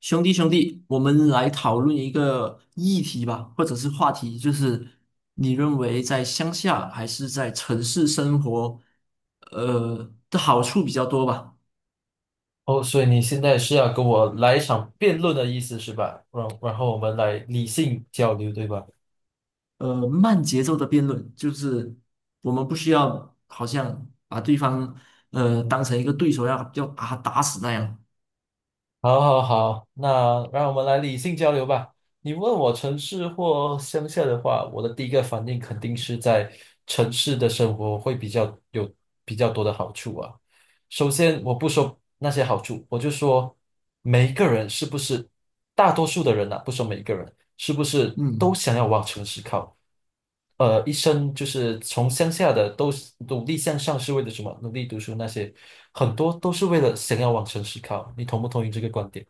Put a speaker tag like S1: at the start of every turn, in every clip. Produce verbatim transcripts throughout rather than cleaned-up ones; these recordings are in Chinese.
S1: 兄弟，兄弟，我们来讨论一个议题吧，或者是话题，就是你认为在乡下还是在城市生活，呃的好处比较多吧？
S2: 哦，所以你现在是要跟我来一场辩论的意思是吧？然然后我们来理性交流，对吧？
S1: 呃，慢节奏的辩论，就是我们不需要好像把对方呃当成一个对手要要把他打死那样。
S2: 好，好，好，那让我们来理性交流吧。你问我城市或乡下的话，我的第一个反应肯定是在城市的生活会比较有比较多的好处啊。首先，我不说那些好处，我就说每一个人是不是，大多数的人呐、不说每一个人，是不是都
S1: 嗯。
S2: 想要往城市靠？呃，一生就是从乡下的都是努力向上，是为了什么？努力读书那些，很多都是为了想要往城市靠。你同不同意这个观点？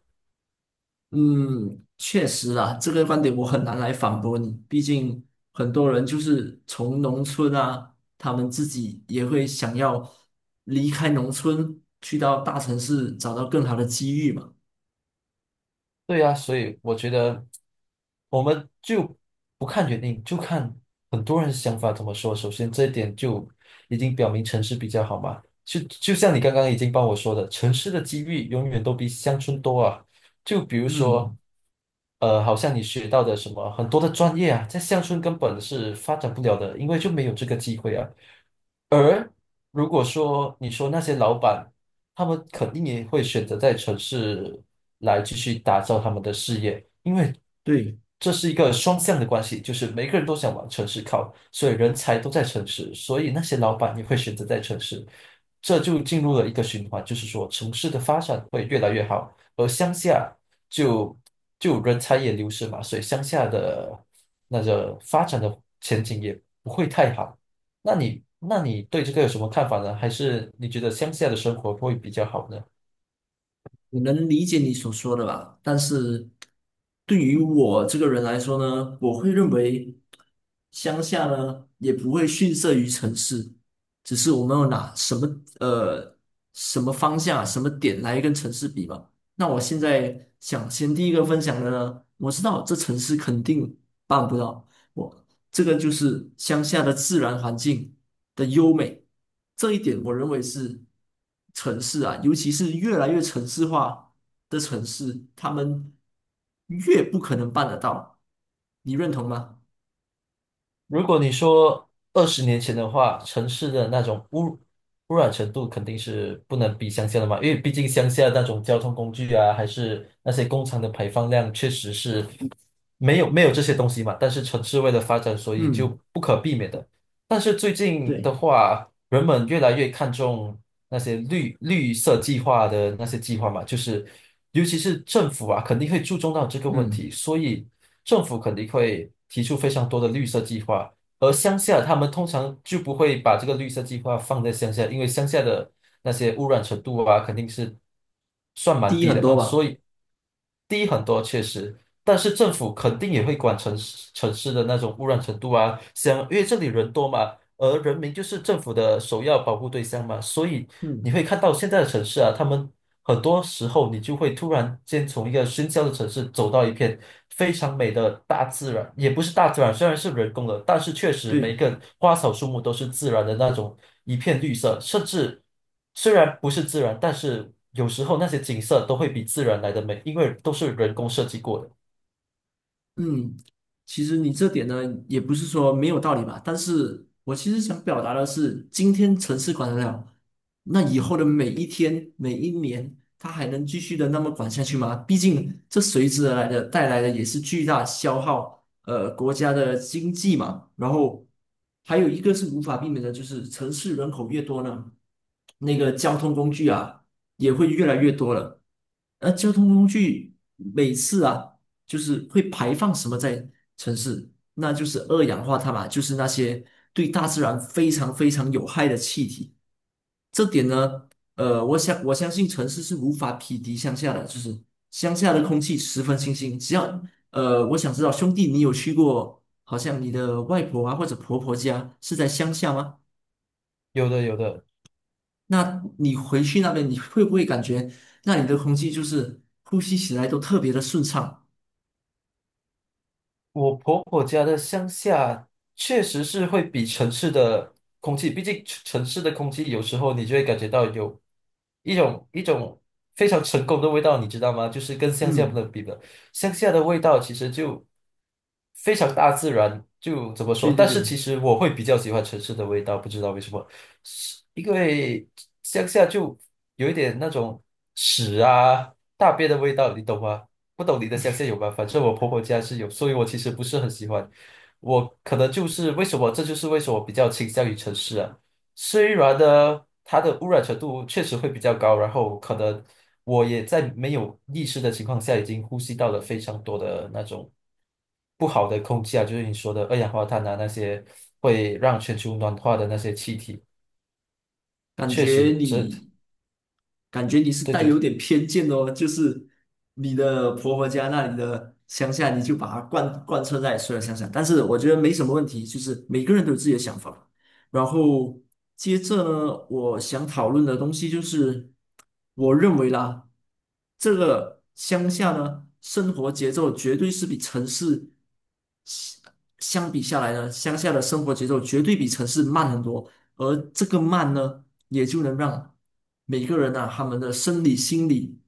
S1: 嗯，确实啊，这个观点我很难来反驳你。毕竟很多人就是从农村啊，他们自己也会想要离开农村，去到大城市找到更好的机遇嘛。
S2: 对呀，所以我觉得我们就不看原因，就看很多人想法怎么说。首先，这一点就已经表明城市比较好嘛。就就像你刚刚已经帮我说的，城市的机遇永远都比乡村多啊。就比如说，
S1: 嗯，
S2: 呃，好像你学到的什么很多的专业啊，在乡村根本是发展不了的，因为就没有这个机会啊。而如果说你说那些老板，他们肯定也会选择在城市来继续打造他们的事业，因为
S1: 对。
S2: 这是一个双向的关系，就是每个人都想往城市靠，所以人才都在城市，所以那些老板也会选择在城市，这就进入了一个循环，就是说城市的发展会越来越好，而乡下就就人才也流失嘛，所以乡下的那个发展的前景也不会太好。那你那你对这个有什么看法呢？还是你觉得乡下的生活会比较好呢？
S1: 我能理解你所说的吧，但是对于我这个人来说呢，我会认为乡下呢也不会逊色于城市，只是我们有拿什么呃什么方向、什么点来跟城市比嘛。那我现在想先第一个分享的呢，我知道这城市肯定办不到，我这个就是乡下的自然环境。的优美，这一点我认为是城市啊，尤其是越来越城市化的城市，他们越不可能办得到，你认同吗？
S2: 如果你说二十年前的话，城市的那种污污染程度肯定是不能比乡下的嘛，因为毕竟乡下那种交通工具啊，还是那些工厂的排放量，确实是没有没有这些东西嘛。但是城市为了发展，所以就
S1: 嗯，
S2: 不可避免的。但是最近
S1: 对，
S2: 的话，人们越来越看重那些绿绿色计划的那些计划嘛，就是尤其是政府啊，肯定会注重到这个问
S1: 嗯，
S2: 题，所以政府肯定会提出非常多的绿色计划，而乡下他们通常就不会把这个绿色计划放在乡下，因为乡下的那些污染程度啊，肯定是算蛮
S1: 低
S2: 低
S1: 很
S2: 的
S1: 多
S2: 吧，所
S1: 吧。
S2: 以低很多确实。但是政府肯定也会管城市城市的那种污染程度啊，像因为这里人多嘛，而人民就是政府的首要保护对象嘛，所以你
S1: 嗯，
S2: 会看到现在的城市啊，他们很多时候你就会突然间从一个喧嚣的城市走到一片非常美的大自然，也不是大自然，虽然是人工的，但是确实每一
S1: 对。
S2: 个花草树木都是自然的那种一片绿色，甚至虽然不是自然，但是有时候那些景色都会比自然来的美，因为都是人工设计过的。
S1: 嗯，其实你这点呢，也不是说没有道理吧，但是我其实想表达的是，今天城市管得了，那以后的每一天、每一年，它还能继续的那么管下去吗？毕竟这随之而来的带来的也是巨大消耗，呃，国家的经济嘛。然后还有一个是无法避免的，就是城市人口越多呢，那个交通工具啊。也会越来越多了。而交通工具每次啊，就是会排放什么在城市，那就是二氧化碳嘛，就是那些对大自然非常非常有害的气体。这点呢，呃，我想我相信城市是无法匹敌乡下的，就是乡下的空气十分清新。只要呃，我想知道兄弟，你有去过，好像你的外婆啊或者婆婆家是在乡下吗？
S2: 有的，有的。
S1: 那你回去那边，你会不会感觉那里的空气就是呼吸起来都特别的顺畅？
S2: 我婆婆家的乡下确实是会比城市的空气，毕竟城城市的空气有时候你就会感觉到有一种一种非常成功的味道，你知道吗？就是跟乡下不
S1: 嗯，
S2: 能比的，乡下的味道其实就非常大自然，就怎么说？
S1: 对对
S2: 但是
S1: 对。
S2: 其实我会比较喜欢城市的味道，不知道为什么，是因为乡下就有一点那种屎啊、大便的味道，你懂吗？不懂你的想象有吗？反正我婆婆家是有，所以我其实不是很喜欢。我可能就是为什么，这就是为什么我比较倾向于城市啊。虽然呢，它的污染程度确实会比较高，然后可能我也在没有意识的情况下，已经呼吸到了非常多的那种不好的空气啊，就是你说的二氧化碳啊，那些会让全球暖化的那些气体，
S1: 感
S2: 确
S1: 觉
S2: 实这，
S1: 你，感觉你是
S2: 对
S1: 带有
S2: 对
S1: 点偏见哦，就是你的婆婆家那里的乡下，你就把它贯贯彻在所有乡下。但是我觉得没什么问题，就是每个人都有自己的想法。然后接着呢，我想讨论的东西就是，我认为啦，这个乡下呢，生活节奏绝对是比城市相相比下来呢，乡下的生活节奏绝对比城市慢很多，而这个慢呢。也就能让每个人呐、他们的生理、心理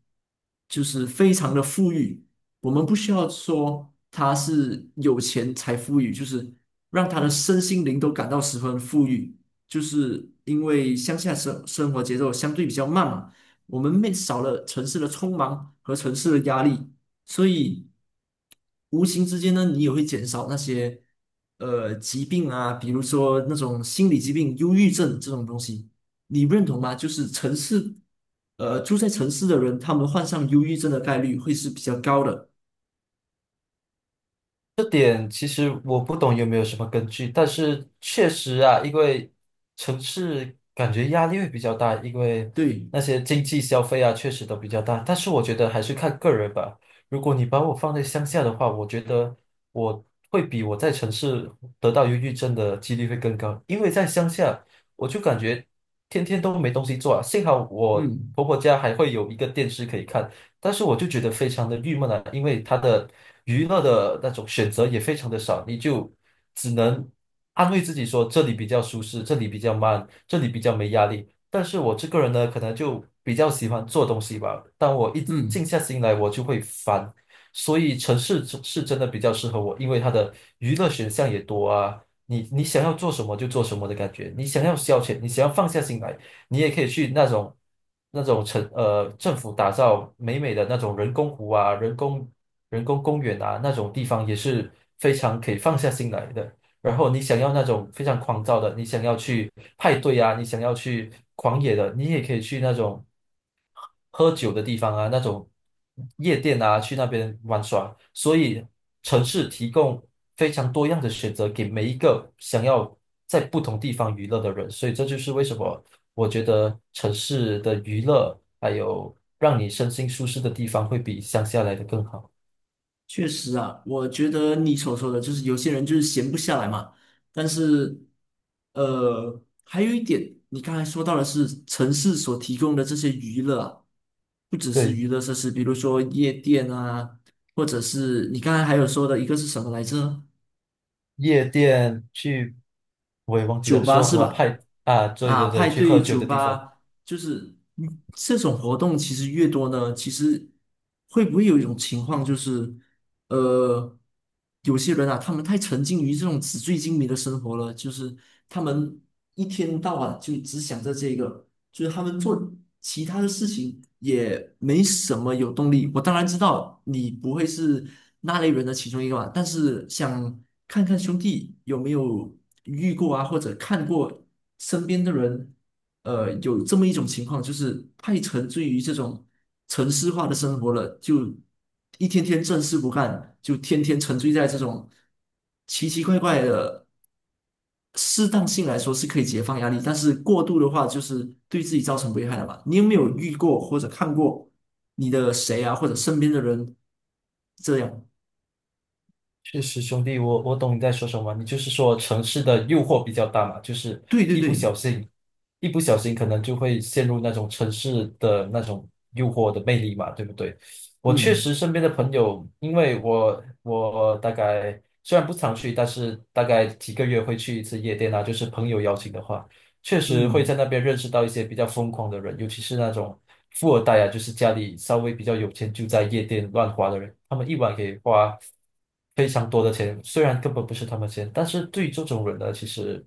S1: 就是非常的富裕。我们不需要说他是有钱才富裕，就是让他的身心灵都感到十分富裕。就是因为乡下生生活节奏相对比较慢嘛，我们没少了城市的匆忙和城市的压力，所以。无形之间呢，你也会减少那些呃疾病啊，比如说那种心理疾病、忧郁症这种东西，你认同吗？就是城市，呃，住在城市的人，他们患上忧郁症的概率会是比较高的。
S2: 这点其实我不懂有没有什么根据，但是确实啊，因为城市感觉压力会比较大，因为
S1: 对，
S2: 那些经济消费啊，确实都比较大。但是我觉得还是看个人吧。如果你把我放在乡下的话，我觉得我会比我在城市得到忧郁症的几率会更高，因为在乡下我就感觉天天都没东西做啊。幸好我
S1: 嗯
S2: 婆婆家还会有一个电视可以看，但是我就觉得非常的郁闷啊，因为他的娱乐的那种选择也非常的少，你就只能安慰自己说这里比较舒适，这里比较慢，这里比较没压力。但是我这个人呢，可能就比较喜欢做东西吧，当我一静
S1: 嗯。
S2: 下心来，我就会烦。所以城市是是真的比较适合我，因为它的娱乐选项也多啊。你你想要做什么就做什么的感觉，你想要消遣，你想要放下心来。你也可以去那种那种城呃政府打造美美的那种人工湖啊、人工人工公园啊那种地方，也是非常可以放下心来的。然后你想要那种非常狂躁的，你想要去派对啊，你想要去狂野的，你也可以去那种喝酒的地方啊，那种夜店啊，去那边玩耍。所以城市提供非常多样的选择给每一个想要在不同地方娱乐的人。所以这就是为什么我觉得城市的娱乐还有让你身心舒适的地方会比乡下来的更好。
S1: 确实啊，我觉得你所说的就是有些人就是闲不下来嘛。但是，呃，还有一点，你刚才说到的是城市所提供的这些娱乐啊不只是
S2: 对。
S1: 娱乐设施，比如说夜店啊，或者是你刚才还有说的一个是什么来着？
S2: 夜店去，我也忘记了
S1: 酒吧
S2: 说什
S1: 是
S2: 么
S1: 吧？
S2: 派啊，对
S1: 啊，
S2: 对对，
S1: 派
S2: 去喝
S1: 对
S2: 酒
S1: 酒
S2: 的地方。
S1: 吧，就是嗯这种活动其实越多呢，其实会不会有一种情况就是？呃，有些人啊，他们太沉浸于这种纸醉金迷的生活了，就是他们一天到晚就只想着这个，就是他们做其他的事情也没什么有动力。我当然知道你不会是那类人的其中一个嘛，但是想看看兄弟有没有遇过啊，或者看过身边的人呃，有这么一种情况，就是太沉醉于这种城市化的生活了，就一天天正事不干，就天天沉醉在这种奇奇怪怪的。适当性来说是可以解放压力，但是过度的话就是对自己造成危害了嘛。你有没有遇过或者看过你的谁啊，或者身边的人这样？
S2: 确实，兄弟，我我懂你在说什么。你就是说城市的诱惑比较大嘛，就是
S1: 对对
S2: 一不
S1: 对，
S2: 小心，一不小心可能就会陷入那种城市的那种诱惑的魅力嘛，对不对？我确
S1: 嗯
S2: 实身边的朋友，因为我我大概虽然不常去，但是大概几个月会去一次夜店啊，就是朋友邀请的话。确实会
S1: 嗯，
S2: 在那边认识到一些比较疯狂的人，尤其是那种富二代啊，就是家里稍微比较有钱，就在夜店乱花的人，他们一晚可以花非常多的钱，虽然根本不是他们钱，但是对于这种人呢，其实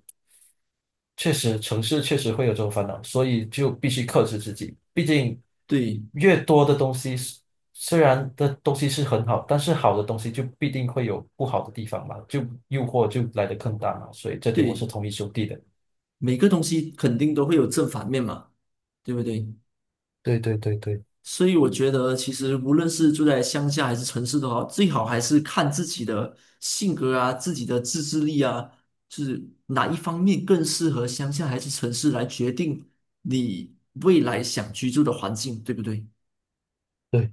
S2: 确实城市确实会有这种烦恼，所以就必须克制自己。毕竟
S1: 对
S2: 越多的东西是，虽然的东西是很好，但是好的东西就必定会有不好的地方嘛，就诱惑就来的更大嘛，所以这点我是
S1: 对，
S2: 同意兄弟的。
S1: 每个东西肯定都会有正反面嘛，对不对？
S2: 对对对对
S1: 所以我觉得，其实无论是住在乡下还是城市都好，最好还是看自己的性格啊、自己的自制力啊，就是哪一方面更适合乡下还是城市来决定你未来想居住的环境，对不对？
S2: 对，